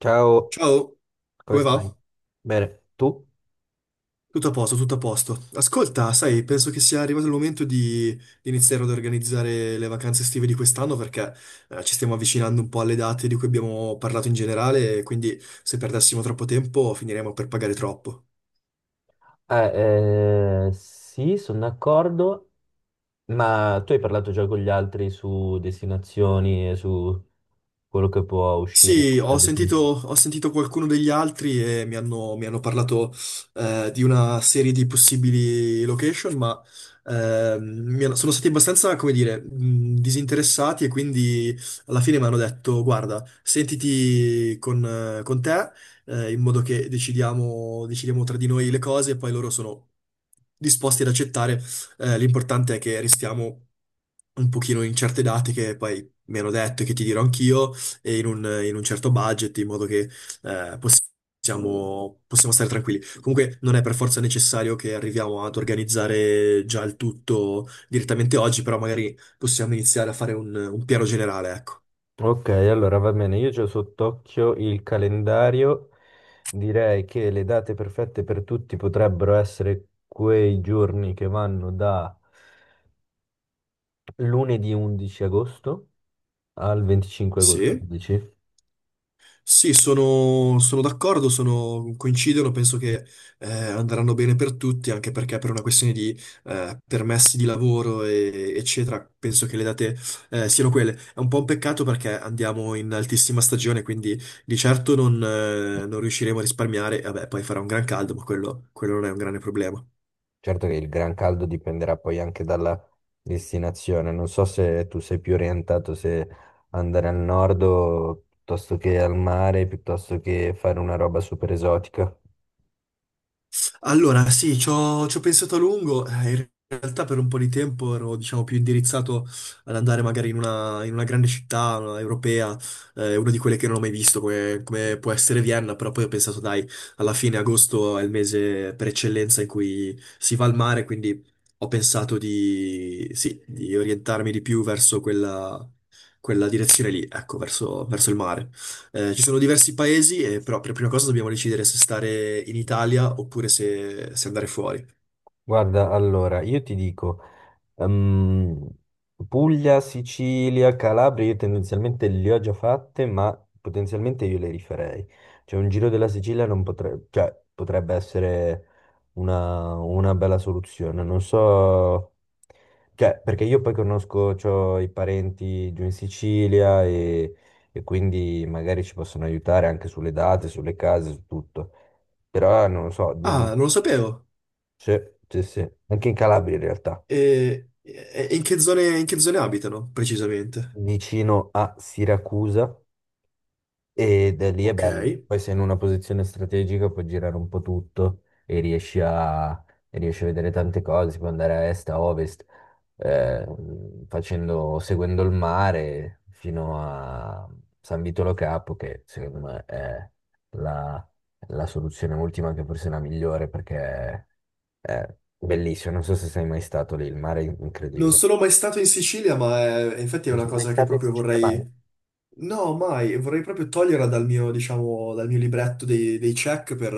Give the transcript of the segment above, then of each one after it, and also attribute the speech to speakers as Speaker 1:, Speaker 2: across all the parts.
Speaker 1: Ciao,
Speaker 2: Ciao,
Speaker 1: come
Speaker 2: come
Speaker 1: stai?
Speaker 2: va?
Speaker 1: Bene, tu?
Speaker 2: Tutto a posto, tutto a posto. Ascolta, sai, penso che sia arrivato il momento di iniziare ad organizzare le vacanze estive di quest'anno perché ci stiamo avvicinando un po' alle date di cui abbiamo parlato in generale, quindi se perdessimo troppo tempo finiremo per pagare troppo.
Speaker 1: Sì, sono d'accordo, ma tu hai parlato già con gli altri su destinazioni e su quello che può uscire
Speaker 2: Sì, ho
Speaker 1: da definire.
Speaker 2: sentito, ho sentito qualcuno degli altri e mi hanno parlato di una serie di possibili location, ma sono stati abbastanza, come dire, disinteressati e quindi alla fine mi hanno detto, guarda, sentiti con te in modo che decidiamo tra di noi le cose e poi loro sono disposti ad accettare. L'importante è che restiamo un pochino in certe date che poi mi hanno detto e che ti dirò anch'io e in un certo budget, in modo che possiamo stare tranquilli. Comunque non è per forza necessario che arriviamo ad organizzare già il tutto direttamente oggi, però magari possiamo iniziare a fare un piano generale, ecco.
Speaker 1: Ok, allora va bene, io ho sott'occhio il calendario, direi che le date perfette per tutti potrebbero essere quei giorni che vanno da lunedì 11 agosto al 25 agosto,
Speaker 2: Sì.
Speaker 1: dici?
Speaker 2: Sì, sono d'accordo, sono- coincidono, penso che andranno bene per tutti, anche perché per una questione di permessi di lavoro, e- eccetera, penso che le date siano quelle. È un po' un peccato perché andiamo in altissima stagione, quindi di certo non riusciremo a risparmiare. Vabbè, poi farà un gran caldo, ma quello non è un grande problema.
Speaker 1: Certo che il gran caldo dipenderà poi anche dalla destinazione. Non so se tu sei più orientato se andare al nord o piuttosto che al mare, piuttosto che fare una roba super esotica.
Speaker 2: Allora, sì, ci ho pensato a lungo. In realtà per un po' di tempo ero, diciamo, più indirizzato ad andare magari in una grande città una europea, una di quelle che non ho mai visto, come può essere Vienna, però poi ho pensato, dai, alla fine agosto è il mese per eccellenza in cui si va al mare, quindi ho pensato di orientarmi di più verso quella direzione lì, ecco, verso il mare. Ci sono diversi paesi, e però per prima cosa dobbiamo decidere se stare in Italia oppure se andare fuori.
Speaker 1: Guarda, allora, io ti dico. Ehm, Puglia, Sicilia, Calabria, io tendenzialmente le ho già fatte, ma potenzialmente io le rifarei. Cioè un giro della Sicilia non potrebbe, cioè, potrebbe essere una bella soluzione. Non so, cioè, perché io poi conosco, c'ho i parenti giù in Sicilia e quindi magari ci possono aiutare anche sulle date, sulle case, su tutto. Però non lo so, dimmi-
Speaker 2: Ah, non lo sapevo.
Speaker 1: sì, sì, sì, anche in Calabria in realtà.
Speaker 2: E in che zone abitano, precisamente?
Speaker 1: Vicino a Siracusa ed è lì è
Speaker 2: Ok.
Speaker 1: bello. Poi sei in una posizione strategica, puoi girare un po' tutto e e riesci a vedere tante cose, si può andare a est, a ovest, eh, facendo, seguendo il mare fino a San Vitolo Capo, che secondo me è la, la soluzione ultima, che forse è la migliore perché è bellissimo. Non so se sei mai stato lì, il mare è
Speaker 2: Non
Speaker 1: incredibile.
Speaker 2: sono mai stato in Sicilia, ma è- infatti è
Speaker 1: Non
Speaker 2: una
Speaker 1: sei mai
Speaker 2: cosa che
Speaker 1: stato in
Speaker 2: proprio
Speaker 1: Sicilia, Banca?
Speaker 2: vorrei. No, mai, vorrei proprio toglierla dal mio, diciamo, dal mio libretto dei check per,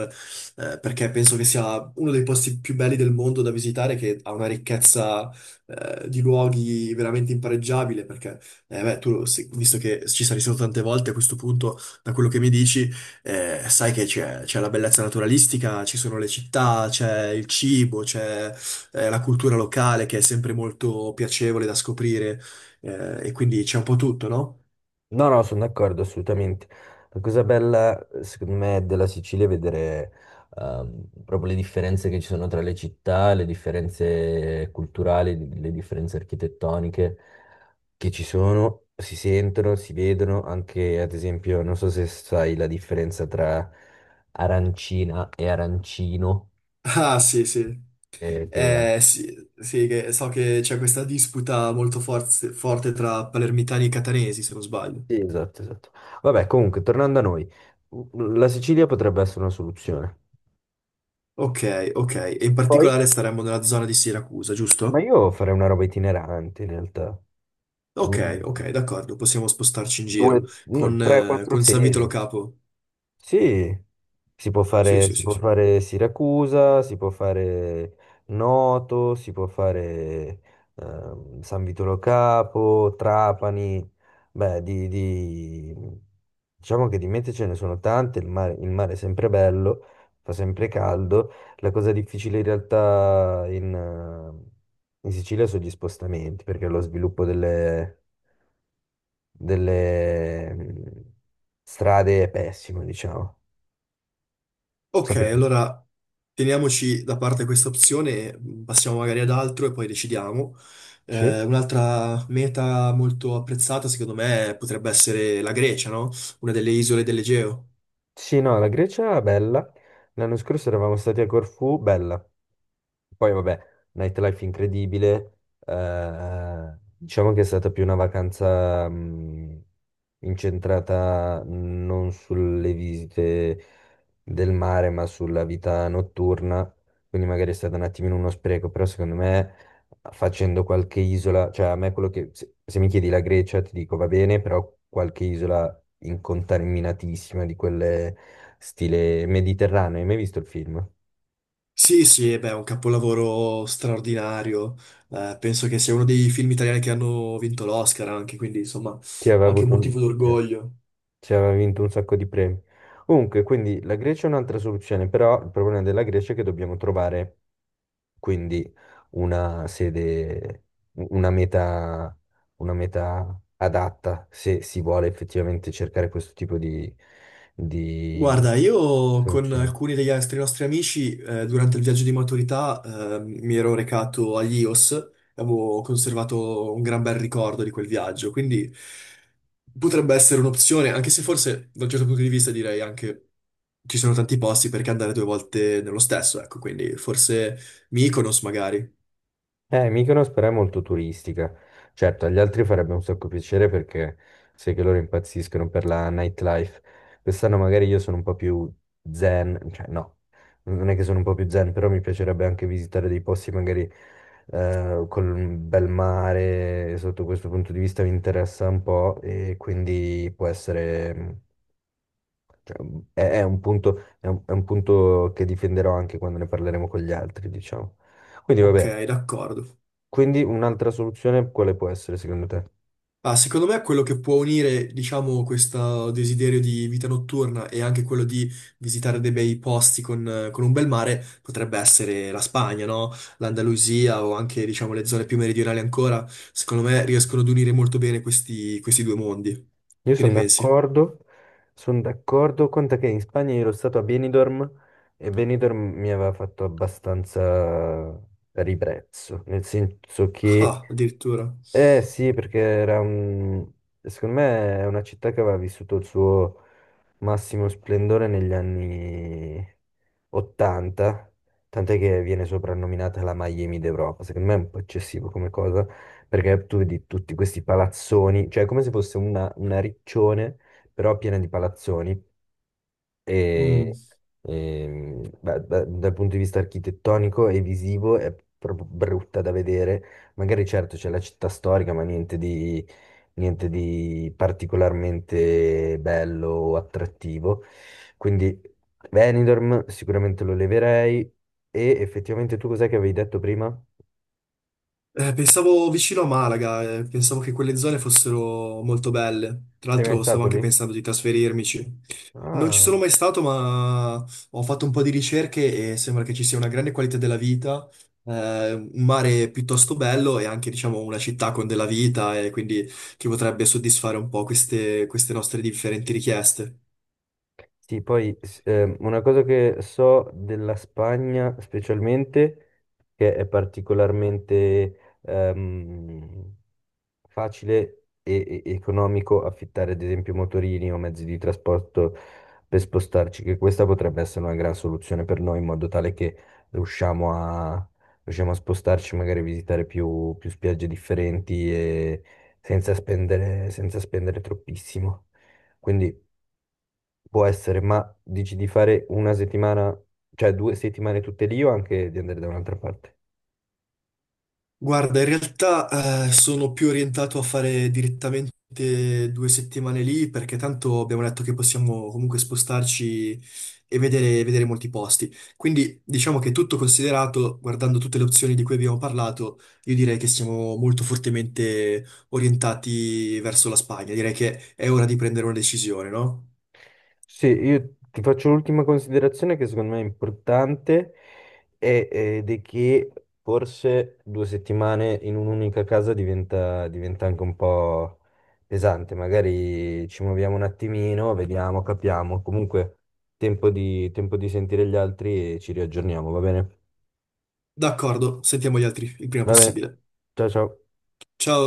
Speaker 2: perché penso che sia uno dei posti più belli del mondo da visitare, che ha una ricchezza, di luoghi veramente impareggiabile, perché, beh, tu, lo- sì, visto che ci sei stato tante volte a questo punto, da quello che mi dici, sai che c'è la bellezza naturalistica, ci sono le città, c'è il cibo, c'è, la cultura locale che è sempre molto piacevole da scoprire, e quindi c'è un po' tutto, no?
Speaker 1: No, no, sono d'accordo assolutamente. La cosa bella, secondo me, della Sicilia è vedere proprio le differenze che ci sono tra le città, le differenze culturali, le differenze architettoniche che ci sono, si sentono, si vedono. Anche, ad esempio, non so se sai la differenza tra arancina e arancino.
Speaker 2: Ah, sì, sì.
Speaker 1: Eh, che...
Speaker 2: Sì, sì, che- so che c'è questa disputa molto forz- forte tra palermitani e catanesi, se non sbaglio.
Speaker 1: Sì, esatto, esatto. Vabbè, comunque, tornando a noi, la Sicilia potrebbe essere una soluzione.
Speaker 2: Ok, ok. E in
Speaker 1: Poi?
Speaker 2: particolare staremmo nella zona di Siracusa,
Speaker 1: Ma
Speaker 2: giusto?
Speaker 1: io farei una roba itinerante in realtà.
Speaker 2: Ok,
Speaker 1: Mm,
Speaker 2: ok, d'accordo, possiamo spostarci in
Speaker 1: due,
Speaker 2: giro.
Speaker 1: no, tre, quattro
Speaker 2: Con San Vito Lo
Speaker 1: sedi.
Speaker 2: Capo.
Speaker 1: Sì,
Speaker 2: Sì, sì,
Speaker 1: si
Speaker 2: sì,
Speaker 1: può
Speaker 2: sì.
Speaker 1: fare Siracusa, si può fare Noto, si può fare San Vitolo Capo, Trapani, beh, diciamo che di mete ce ne sono tante, il mare è sempre bello, fa sempre caldo, la cosa difficile in realtà in Sicilia sono gli spostamenti, perché lo sviluppo delle, delle strade è pessimo, diciamo.
Speaker 2: Ok,
Speaker 1: Sapete.
Speaker 2: allora teniamoci da parte questa opzione, passiamo magari ad altro e poi decidiamo.
Speaker 1: Sì,
Speaker 2: Un'altra meta molto apprezzata, secondo me, potrebbe essere la Grecia, no? Una delle isole dell'Egeo.
Speaker 1: sì, no, la Grecia è bella. L'anno scorso eravamo stati a Corfù, bella. Poi vabbè, nightlife incredibile, diciamo che è stata più una vacanza incentrata non sulle visite del mare, ma sulla vita notturna, quindi magari è stato un attimino uno spreco, però secondo me facendo qualche isola, cioè a me quello che, se mi chiedi la Grecia ti dico va bene, però qualche isola incontaminatissima di quelle stile mediterraneo, hai mai visto il film?
Speaker 2: Sì, sì, e beh, è un capolavoro straordinario. Penso che sia uno dei film italiani che hanno vinto l'Oscar anche, quindi insomma,
Speaker 1: Ti aveva
Speaker 2: anche un
Speaker 1: avuto un...
Speaker 2: motivo
Speaker 1: sì.
Speaker 2: d'orgoglio.
Speaker 1: Cioè, aveva vinto un sacco di premi. Comunque, quindi la Grecia è un'altra soluzione, però il problema della Grecia è che dobbiamo trovare quindi una sede, una meta, una meta adatta se si vuole effettivamente cercare questo tipo di
Speaker 2: Guarda, io con
Speaker 1: soluzioni.
Speaker 2: alcuni degli altri nostri amici durante il viaggio di maturità mi ero recato agli Ios, avevo conservato un gran bel ricordo di quel viaggio, quindi potrebbe essere un'opzione, anche se forse da un certo punto di vista direi anche ci sono tanti posti perché andare 2 volte nello stesso, ecco, quindi forse Mykonos magari.
Speaker 1: Mykonos però è molto turistica. Certo, agli altri farebbe un sacco piacere perché sai che loro impazziscono per la nightlife. Quest'anno magari io sono un po' più zen, cioè no, non è che sono un po' più zen, però mi piacerebbe anche visitare dei posti magari con un bel mare, e sotto questo punto di vista mi interessa un po' e quindi può essere, mm, cioè, è un punto, è un punto che difenderò anche quando ne parleremo con gli altri, diciamo. Quindi vabbè.
Speaker 2: Ok, d'accordo.
Speaker 1: Quindi un'altra soluzione quale può essere secondo te?
Speaker 2: Ah, secondo me quello che può unire, diciamo, questo desiderio di vita notturna e anche quello di visitare dei bei posti con un bel mare potrebbe essere la Spagna, no? L'Andalusia o anche, diciamo, le zone più meridionali ancora. Secondo me riescono ad unire molto bene questi, questi due mondi.
Speaker 1: Io
Speaker 2: Che ne pensi?
Speaker 1: sono d'accordo, conta che in Spagna io ero stato a Benidorm e Benidorm mi aveva fatto abbastanza ribrezzo, nel senso che
Speaker 2: Ah, addirittura.
Speaker 1: eh sì, perché era un... secondo me è una città che aveva vissuto il suo massimo splendore negli anni 80, tant'è che viene soprannominata la Miami d'Europa. Secondo me è un po' eccessivo come cosa, perché tu vedi tutti questi palazzoni, cioè è come se fosse una riccione, però piena di palazzoni
Speaker 2: Mm.
Speaker 1: e, e, beh, dal punto di vista architettonico e visivo è proprio brutta da vedere. Magari certo c'è la città storica, ma niente di particolarmente bello o attrattivo. Quindi Benidorm sicuramente lo leverei. E effettivamente tu cos'è che avevi detto prima?
Speaker 2: Pensavo vicino a Malaga, pensavo che quelle zone fossero molto belle. Tra
Speaker 1: Sei mai
Speaker 2: l'altro stavo
Speaker 1: stato
Speaker 2: anche
Speaker 1: lì?
Speaker 2: pensando di trasferirmici. Non ci sono
Speaker 1: Ah.
Speaker 2: mai stato, ma ho fatto un po' di ricerche e sembra che ci sia una grande qualità della vita, un mare piuttosto bello e anche, diciamo, una città con della vita e quindi che potrebbe soddisfare un po' queste, queste nostre differenti richieste.
Speaker 1: Sì, una cosa che so della Spagna specialmente, che è particolarmente facile e economico affittare ad esempio motorini o mezzi di trasporto per spostarci, che questa potrebbe essere una gran soluzione per noi in modo tale che riusciamo a, riusciamo a spostarci, magari visitare più spiagge differenti e senza spendere troppissimo. Quindi può essere, ma dici di fare una settimana, cioè due settimane tutte lì o anche di andare da un'altra parte?
Speaker 2: Guarda, in realtà sono più orientato a fare direttamente 2 settimane lì perché tanto abbiamo detto che possiamo comunque spostarci e vedere molti posti. Quindi diciamo che tutto considerato, guardando tutte le opzioni di cui abbiamo parlato, io direi che siamo molto fortemente orientati verso la Spagna. Direi che è ora di prendere una decisione, no?
Speaker 1: Sì, io ti faccio l'ultima considerazione che secondo me è importante è- ed è che forse due settimane in un'unica casa diventa anche un po' pesante. Magari ci muoviamo un attimino, vediamo, capiamo. Comunque tempo di sentire gli altri e ci riaggiorniamo, va bene?
Speaker 2: D'accordo, sentiamo gli altri il prima
Speaker 1: Va bene,
Speaker 2: possibile.
Speaker 1: ciao ciao.
Speaker 2: Ciao!